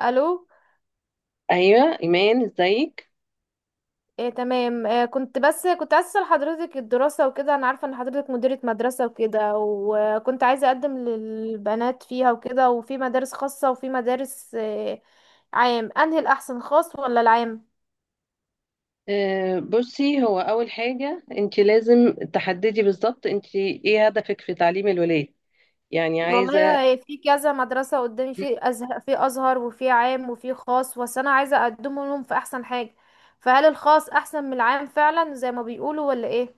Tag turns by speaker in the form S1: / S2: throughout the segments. S1: الو.
S2: ايوه ايمان ازيك.
S1: إيه تمام. كنت عايزه اسال حضرتك الدراسه وكده. انا عارفه ان حضرتك مديره مدرسه وكده، وكنت عايزه اقدم للبنات فيها وكده، وفي مدارس خاصه وفي مدارس عام. انهي الاحسن، خاص ولا العام؟
S2: بصي، هو اول حاجه انت لازم تحددي بالظبط انت ايه هدفك في تعليم الولاد، يعني عايزه.
S1: والله في كذا مدرسه قدامي، في ازهر وفي عام وفي خاص، بس انا عايزه اقدم لهم في احسن حاجه. فهل الخاص احسن من العام فعلا زي ما بيقولوا ولا ايه؟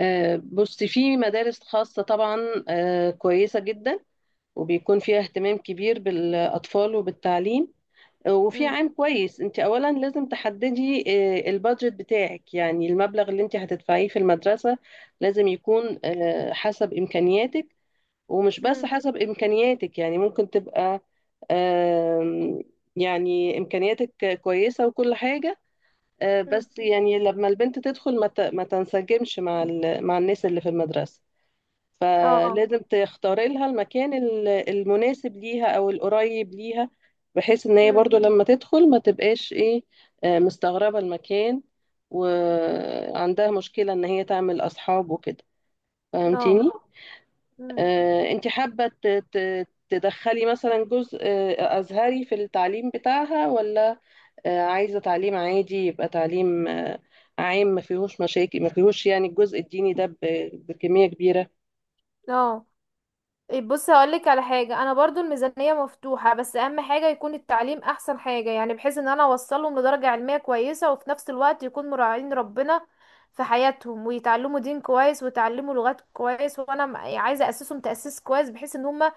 S2: بصي في مدارس خاصه طبعا، كويسه جدا، وبيكون فيها اهتمام كبير بالاطفال وبالتعليم. وفي
S1: امم،
S2: عام كويس. انت اولا لازم تحددي البادجت بتاعك، يعني المبلغ اللي انت هتدفعيه في المدرسه لازم يكون حسب امكانياتك. ومش بس
S1: امم،
S2: حسب إمكانياتك، يعني ممكن تبقى آم، يعني إمكانياتك كويسة وكل حاجة، بس يعني لما البنت تدخل ما تنسجمش مع الناس اللي في المدرسة،
S1: اه،
S2: فلازم تختاري لها المناسب ليها أو القريب ليها، بحيث إن هي
S1: امم،
S2: برضو لما تدخل ما تبقاش إيه، مستغربة المكان وعندها مشكلة إن هي تعمل أصحاب وكده.
S1: اه،
S2: فهمتيني؟
S1: امم،
S2: انت حابة تدخلي مثلا جزء أزهري في التعليم بتاعها، ولا عايزة تعليم عادي، يبقى تعليم عام ما فيهوش مشاكل، ما فيهوش يعني الجزء الديني ده بكمية كبيرة.
S1: اه. بص هقولك على حاجة، انا برضو الميزانية مفتوحة بس اهم حاجة يكون التعليم احسن حاجة، يعني بحيث ان انا اوصلهم لدرجة علمية كويسة، وفي نفس الوقت يكون مراعين ربنا في حياتهم، ويتعلموا دين كويس ويتعلموا لغات كويس. وانا يعني عايزة اسسهم تأسيس كويس بحيث ان هما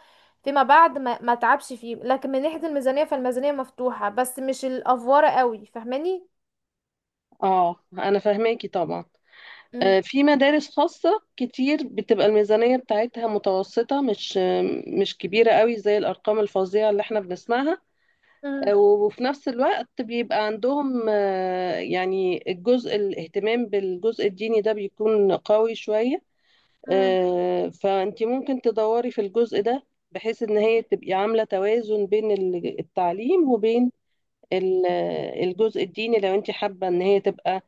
S1: فيما بعد ما ما تعبش فيه. لكن من ناحية الميزانية، فالميزانية مفتوحة بس مش الافوارة قوي، فاهماني؟
S2: اه انا فاهماكي طبعا.
S1: مم.
S2: في مدارس خاصة كتير بتبقى الميزانية بتاعتها متوسطة، مش مش كبيرة قوي زي الأرقام الفظيعة اللي احنا بنسمعها،
S1: مم.
S2: وفي نفس الوقت بيبقى عندهم، يعني الجزء الاهتمام بالجزء الديني ده بيكون قوي شوية.
S1: مم.
S2: فأنت ممكن تدوري في الجزء ده، بحيث إن هي تبقي عاملة توازن التعليم وبين الجزء الديني، لو أنت حابة إن هي تبقى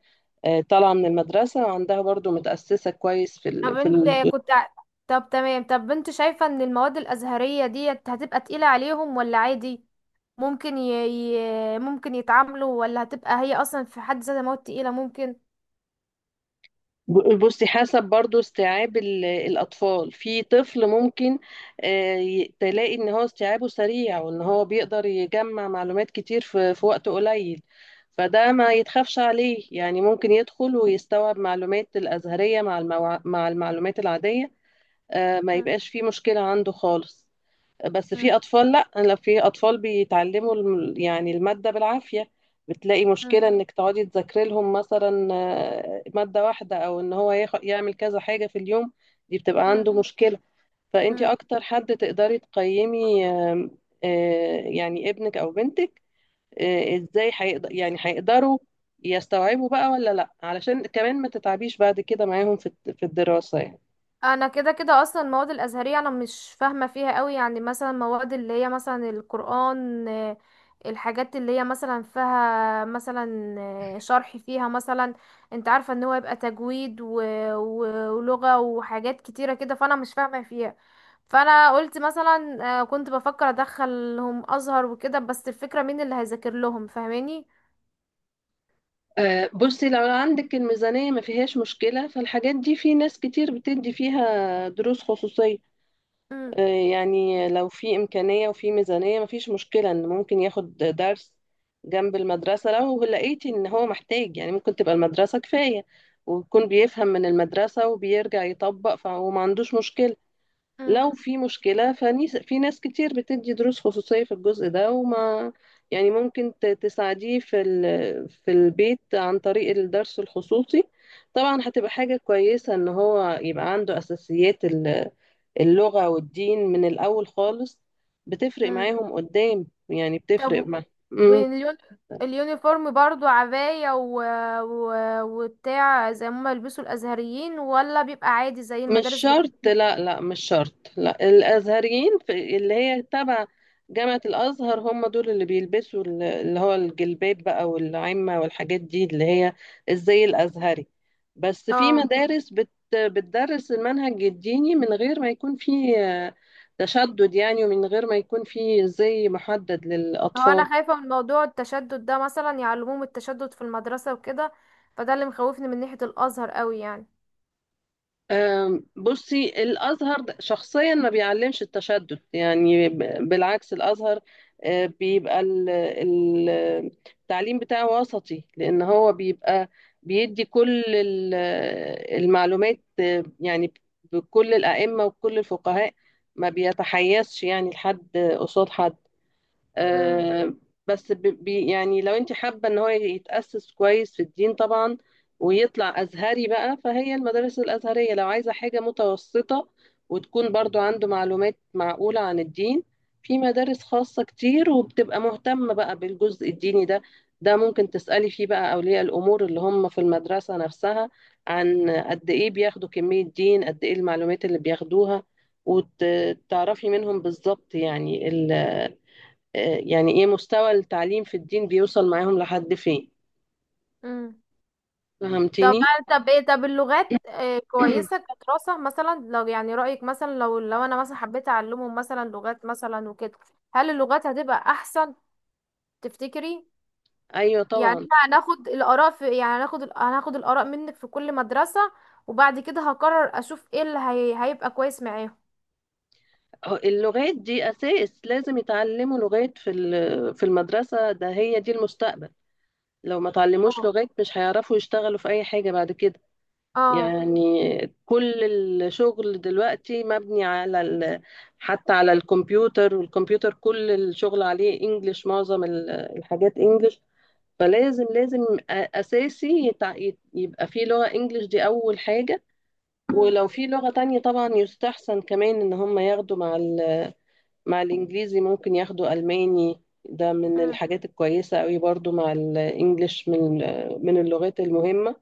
S2: طالعة من المدرسة وعندها برضو متأسسة كويس
S1: طب
S2: في.
S1: انت كنت ع- طب تمام. طب انت شايفة ان المواد الازهرية ديت هتبقى تقيلة عليهم ولا عادي، ممكن ي... ممكن يتعاملوا، ولا هتبقى هي اصلا في حد ذاتها مواد تقيلة؟ ممكن.
S2: بصي حسب برضو استيعاب الأطفال، في طفل ممكن تلاقي إن هو استيعابه سريع، وإن هو بيقدر يجمع معلومات كتير في وقت قليل، فده ما يتخافش عليه، يعني ممكن يدخل ويستوعب معلومات الأزهرية مع مع المعلومات العادية. ما
S1: مم.
S2: يبقاش فيه مشكلة عنده خالص. بس
S1: مم.
S2: في اطفال لا، لو في اطفال بيتعلموا يعني الماده بالعافيه، بتلاقي مشكله انك تقعدي تذاكري لهم مثلا ماده واحده، او ان هو يعمل كذا حاجه في اليوم، دي بتبقى
S1: مم.
S2: عنده مشكله. فانت
S1: مم.
S2: اكتر حد تقدري تقيمي، آم، آه، يعني ابنك او بنتك، ازاي هيقدروا يستوعبوا بقى ولا لا، علشان كمان ما تتعبيش بعد كده معاهم في الدراسه يعني.
S1: انا كده كده اصلا المواد الازهريه انا مش فاهمه فيها قوي. يعني مثلا مواد اللي هي مثلا القران، آه، الحاجات اللي هي مثلا فيها مثلا، آه، شرح فيها مثلا، انت عارفه ان هو يبقى تجويد و... ولغه وحاجات كتيره كده، فانا مش فاهمه فيها. فانا قلت مثلا، آه، كنت بفكر ادخلهم ازهر وكده، بس الفكره مين اللي هيذاكر لهم؟ فاهماني؟
S2: بصي لو عندك الميزانية ما فيهاش مشكلة، فالحاجات دي في ناس كتير بتدي فيها دروس خصوصية.
S1: مم،
S2: آه، يعني لو في إمكانية وفي ميزانية ما فيش مشكلة إن ممكن ياخد درس جنب المدرسة. لو لقيتي إن هو محتاج، يعني ممكن تبقى المدرسة كفاية ويكون بيفهم من المدرسة وبيرجع يطبق، فهو ما عندوش مشكلة.
S1: مم،
S2: لو في مشكلة فنيس، في ناس كتير بتدي دروس خصوصية في الجزء ده، وما يعني ممكن تساعديه في البيت عن طريق الدرس الخصوصي. طبعا هتبقى حاجة كويسة ان هو يبقى عنده اساسيات اللغة والدين من الاول خالص، بتفرق
S1: مم.
S2: معاهم قدام، يعني بتفرق
S1: طب،
S2: معاهم.
S1: واليون... اليونيفورم برضو عباية و... وبتاع زي ما يلبسوا الأزهريين، ولا بيبقى عادي زي
S2: مش
S1: المدارس
S2: شرط،
S1: بتاعتنا؟
S2: لا لا مش شرط، لا الازهريين في اللي هي تبع جامعة الازهر، هم دول اللي بيلبسوا اللي هو الجلباب بقى والعمة والحاجات دي، اللي هي الزي الازهري. بس في
S1: اه.
S2: مدارس بت بتدرس المنهج الديني من غير ما يكون فيه تشدد يعني، ومن غير ما يكون فيه زي محدد
S1: هو
S2: للاطفال.
S1: أنا خايفة من موضوع التشدد ده، مثلا يعلموهم التشدد في المدرسة وكده، فده اللي مخوفني من ناحية الأزهر قوي يعني.
S2: بصي الأزهر شخصيا ما بيعلمش التشدد، يعني بالعكس الأزهر بيبقى التعليم بتاعه وسطي، لأن هو بيبقى بيدي كل المعلومات، يعني بكل الأئمة وكل الفقهاء، ما بيتحيزش يعني لحد قصاد حد.
S1: امم.
S2: آه، بس ب- بي يعني لو انت حابة ان هو يتأسس كويس في الدين طبعا، ويطلع أزهري بقى، فهي المدارس الأزهرية. لو عايزة حاجة متوسطة وتكون برضو عنده معلومات معقولة عن الدين، في مدارس خاصة كتير وبتبقى مهتمة بقى بالجزء الديني ده. ده ممكن تسألي فيه بقى أولياء الأمور اللي هم في المدرسة نفسها عن قد إيه بياخدوا، كمية دين قد إيه المعلومات اللي بياخدوها، وتعرفي منهم بالظبط. يعني يعني ايه مستوى التعليم في الدين بيوصل معاهم لحد فين.
S1: امم. طب
S2: فهمتني؟
S1: طب اللغات إيه كويسة كدراسة؟ مثلا لو يعني رأيك مثلا لو أنا مثلا حبيت أعلمهم مثلا لغات مثلا وكده، هل اللغات هتبقى أحسن تفتكري؟
S2: ايوه
S1: يعني
S2: طبعا.
S1: احنا هناخد الآراء، في يعني هناخد الآراء منك في كل مدرسة، وبعد كده هقرر، أشوف ايه اللي هيبقى كويس معاهم.
S2: هو اللغات دي اساس، لازم يتعلموا لغات في المدرسه، ده هي دي المستقبل. لو ما تعلموش
S1: اه.
S2: لغات مش هيعرفوا يشتغلوا في اي حاجه بعد كده.
S1: اه.
S2: يعني كل الشغل دلوقتي مبني حتى على الكمبيوتر، والكمبيوتر كل الشغل عليه انجليش، معظم الحاجات انجليش. لازم اساسي يبقى في لغة انجليش، دي اول حاجة.
S1: مم.
S2: ولو في لغة تانية طبعا يستحسن كمان ان هم ياخدوا مع الانجليزي. ممكن ياخدوا الماني، ده من
S1: مم.
S2: الحاجات الكويسة قوي برضو مع الانجليش، من من اللغات المهمة.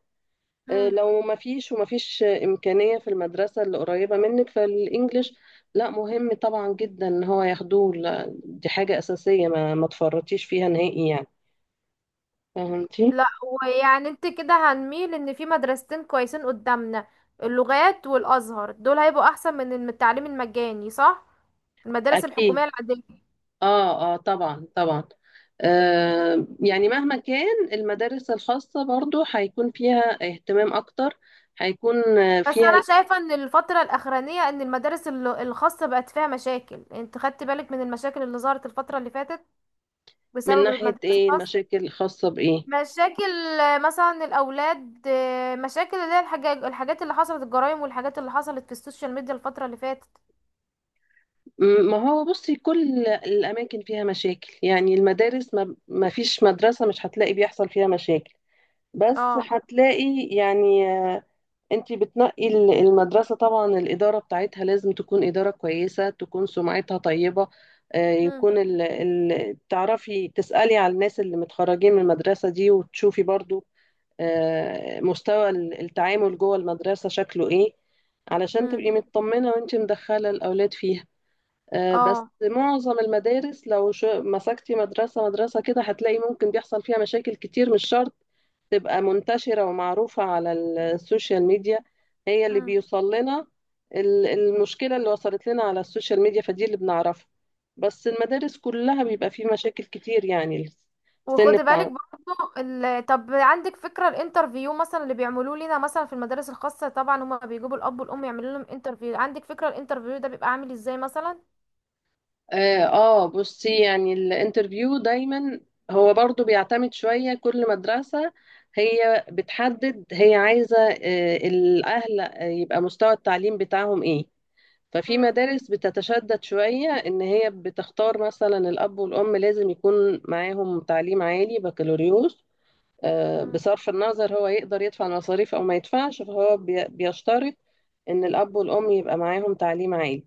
S1: مم.
S2: لو ما فيش، وما فيش امكانية في المدرسة اللي قريبة منك، فالانجليش لا، مهم طبعا جدا ان هو ياخدوه، لا، دي حاجة اساسية ما تفرطيش فيها نهائي يعني. فهمتي؟
S1: لا. ويعني انت كده هنميل ان في مدرستين كويسين قدامنا، اللغات والازهر، دول هيبقوا احسن من التعليم المجاني، صح؟ المدارس
S2: اكيد،
S1: الحكوميه العاديه.
S2: اه اه طبعا طبعا. آه يعني مهما كان المدارس الخاصة برضو هيكون فيها اهتمام اكتر، هيكون
S1: بس
S2: فيها.
S1: انا شايفه ان الفتره الاخرانيه ان المدارس الخاصه بقت فيها مشاكل. انت خدت بالك من المشاكل اللي ظهرت الفتره اللي فاتت
S2: من
S1: بسبب
S2: ناحية
S1: المدارس
S2: ايه
S1: الخاصة؟
S2: المشاكل؟ الخاصة بايه؟
S1: مشاكل، آه، مثلا الأولاد، آه، مشاكل اللي هي الحاجات، الحاجات اللي حصلت، الجرائم والحاجات اللي حصلت في السوشيال ميديا الفترة اللي فاتت.
S2: ما هو بصي كل الاماكن فيها مشاكل، يعني المدارس ما فيش مدرسة مش هتلاقي بيحصل فيها مشاكل، بس
S1: اه.
S2: هتلاقي يعني انت بتنقي المدرسة، طبعا الإدارة بتاعتها لازم تكون إدارة كويسة، تكون سمعتها طيبة.
S1: مم.
S2: يكون تعرفي تسألي على الناس اللي متخرجين من المدرسة دي، وتشوفي برضو مستوى التعامل جوه المدرسة شكله ايه، علشان
S1: مم.
S2: تبقي مطمنة وانت مدخلة الأولاد فيها. بس
S1: اه.
S2: معظم المدارس لو مسكتي مدرسة كده هتلاقي ممكن بيحصل فيها مشاكل كتير. مش شرط تبقى منتشرة ومعروفة على السوشيال ميديا، هي اللي
S1: مم.
S2: بيوصل لنا المشكلة اللي وصلت لنا على السوشيال ميديا، فدي اللي بنعرفها، بس المدارس كلها بيبقى فيه مشاكل كتير يعني. السن
S1: وخدي بالك
S2: بتاع
S1: برضو طب عندك فكرة الانترفيو مثلا اللي بيعملوه لنا مثلا في المدارس الخاصة؟ طبعا هما بيجيبوا الأب والأم يعملوا لهم انترفيو. عندك فكرة الانترفيو ده بيبقى عامل ازاي مثلا؟
S2: اه. بصي يعني الانترفيو دايما هو برضو بيعتمد شوية. كل مدرسة هي بتحدد، هي عايزة الأهل يبقى مستوى التعليم بتاعهم ايه. ففي
S1: مم.
S2: مدارس بتتشدد شوية إن هي بتختار مثلا الأب والأم لازم يكون معاهم تعليم عالي بكالوريوس،
S1: مم.
S2: بصرف النظر هو يقدر يدفع المصاريف أو ما يدفعش، فهو بيشترط إن الأب والأم يبقى معاهم تعليم عالي.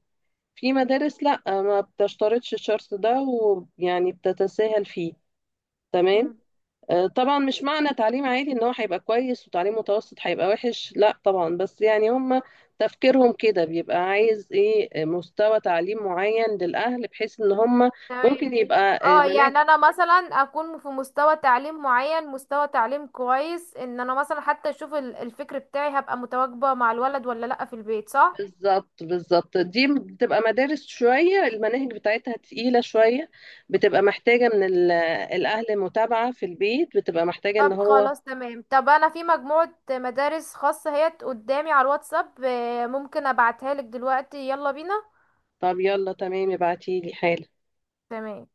S2: في مدارس لأ ما بتشترطش الشرط ده، ويعني بتتساهل فيه. تمام.
S1: مم.
S2: طبعا مش معنى تعليم عالي ان هو هيبقى كويس وتعليم متوسط هيبقى وحش، لا طبعا، بس يعني هم تفكيرهم كده، بيبقى عايز ايه مستوى تعليم معين للأهل، بحيث ان هم
S1: تمام.
S2: ممكن يبقى
S1: اه،
S2: مناهج.
S1: يعني انا مثلا اكون في مستوى تعليم معين، مستوى تعليم كويس، ان انا مثلا حتى اشوف الفكر بتاعي هبقى متواجبة مع الولد ولا لا في البيت، صح؟
S2: بالظبط، دي بتبقى مدارس شوية المناهج بتاعتها تقيلة شوية، بتبقى محتاجة من الأهل متابعة في البيت، بتبقى محتاجة ان
S1: طب
S2: هو.
S1: خلاص تمام. طب انا في مجموعة مدارس خاصة هي قدامي على الواتساب، آه، ممكن ابعتها لك دلوقتي، يلا بينا.
S2: طب يلا تمام، ابعتيلي حالا.
S1: تمام.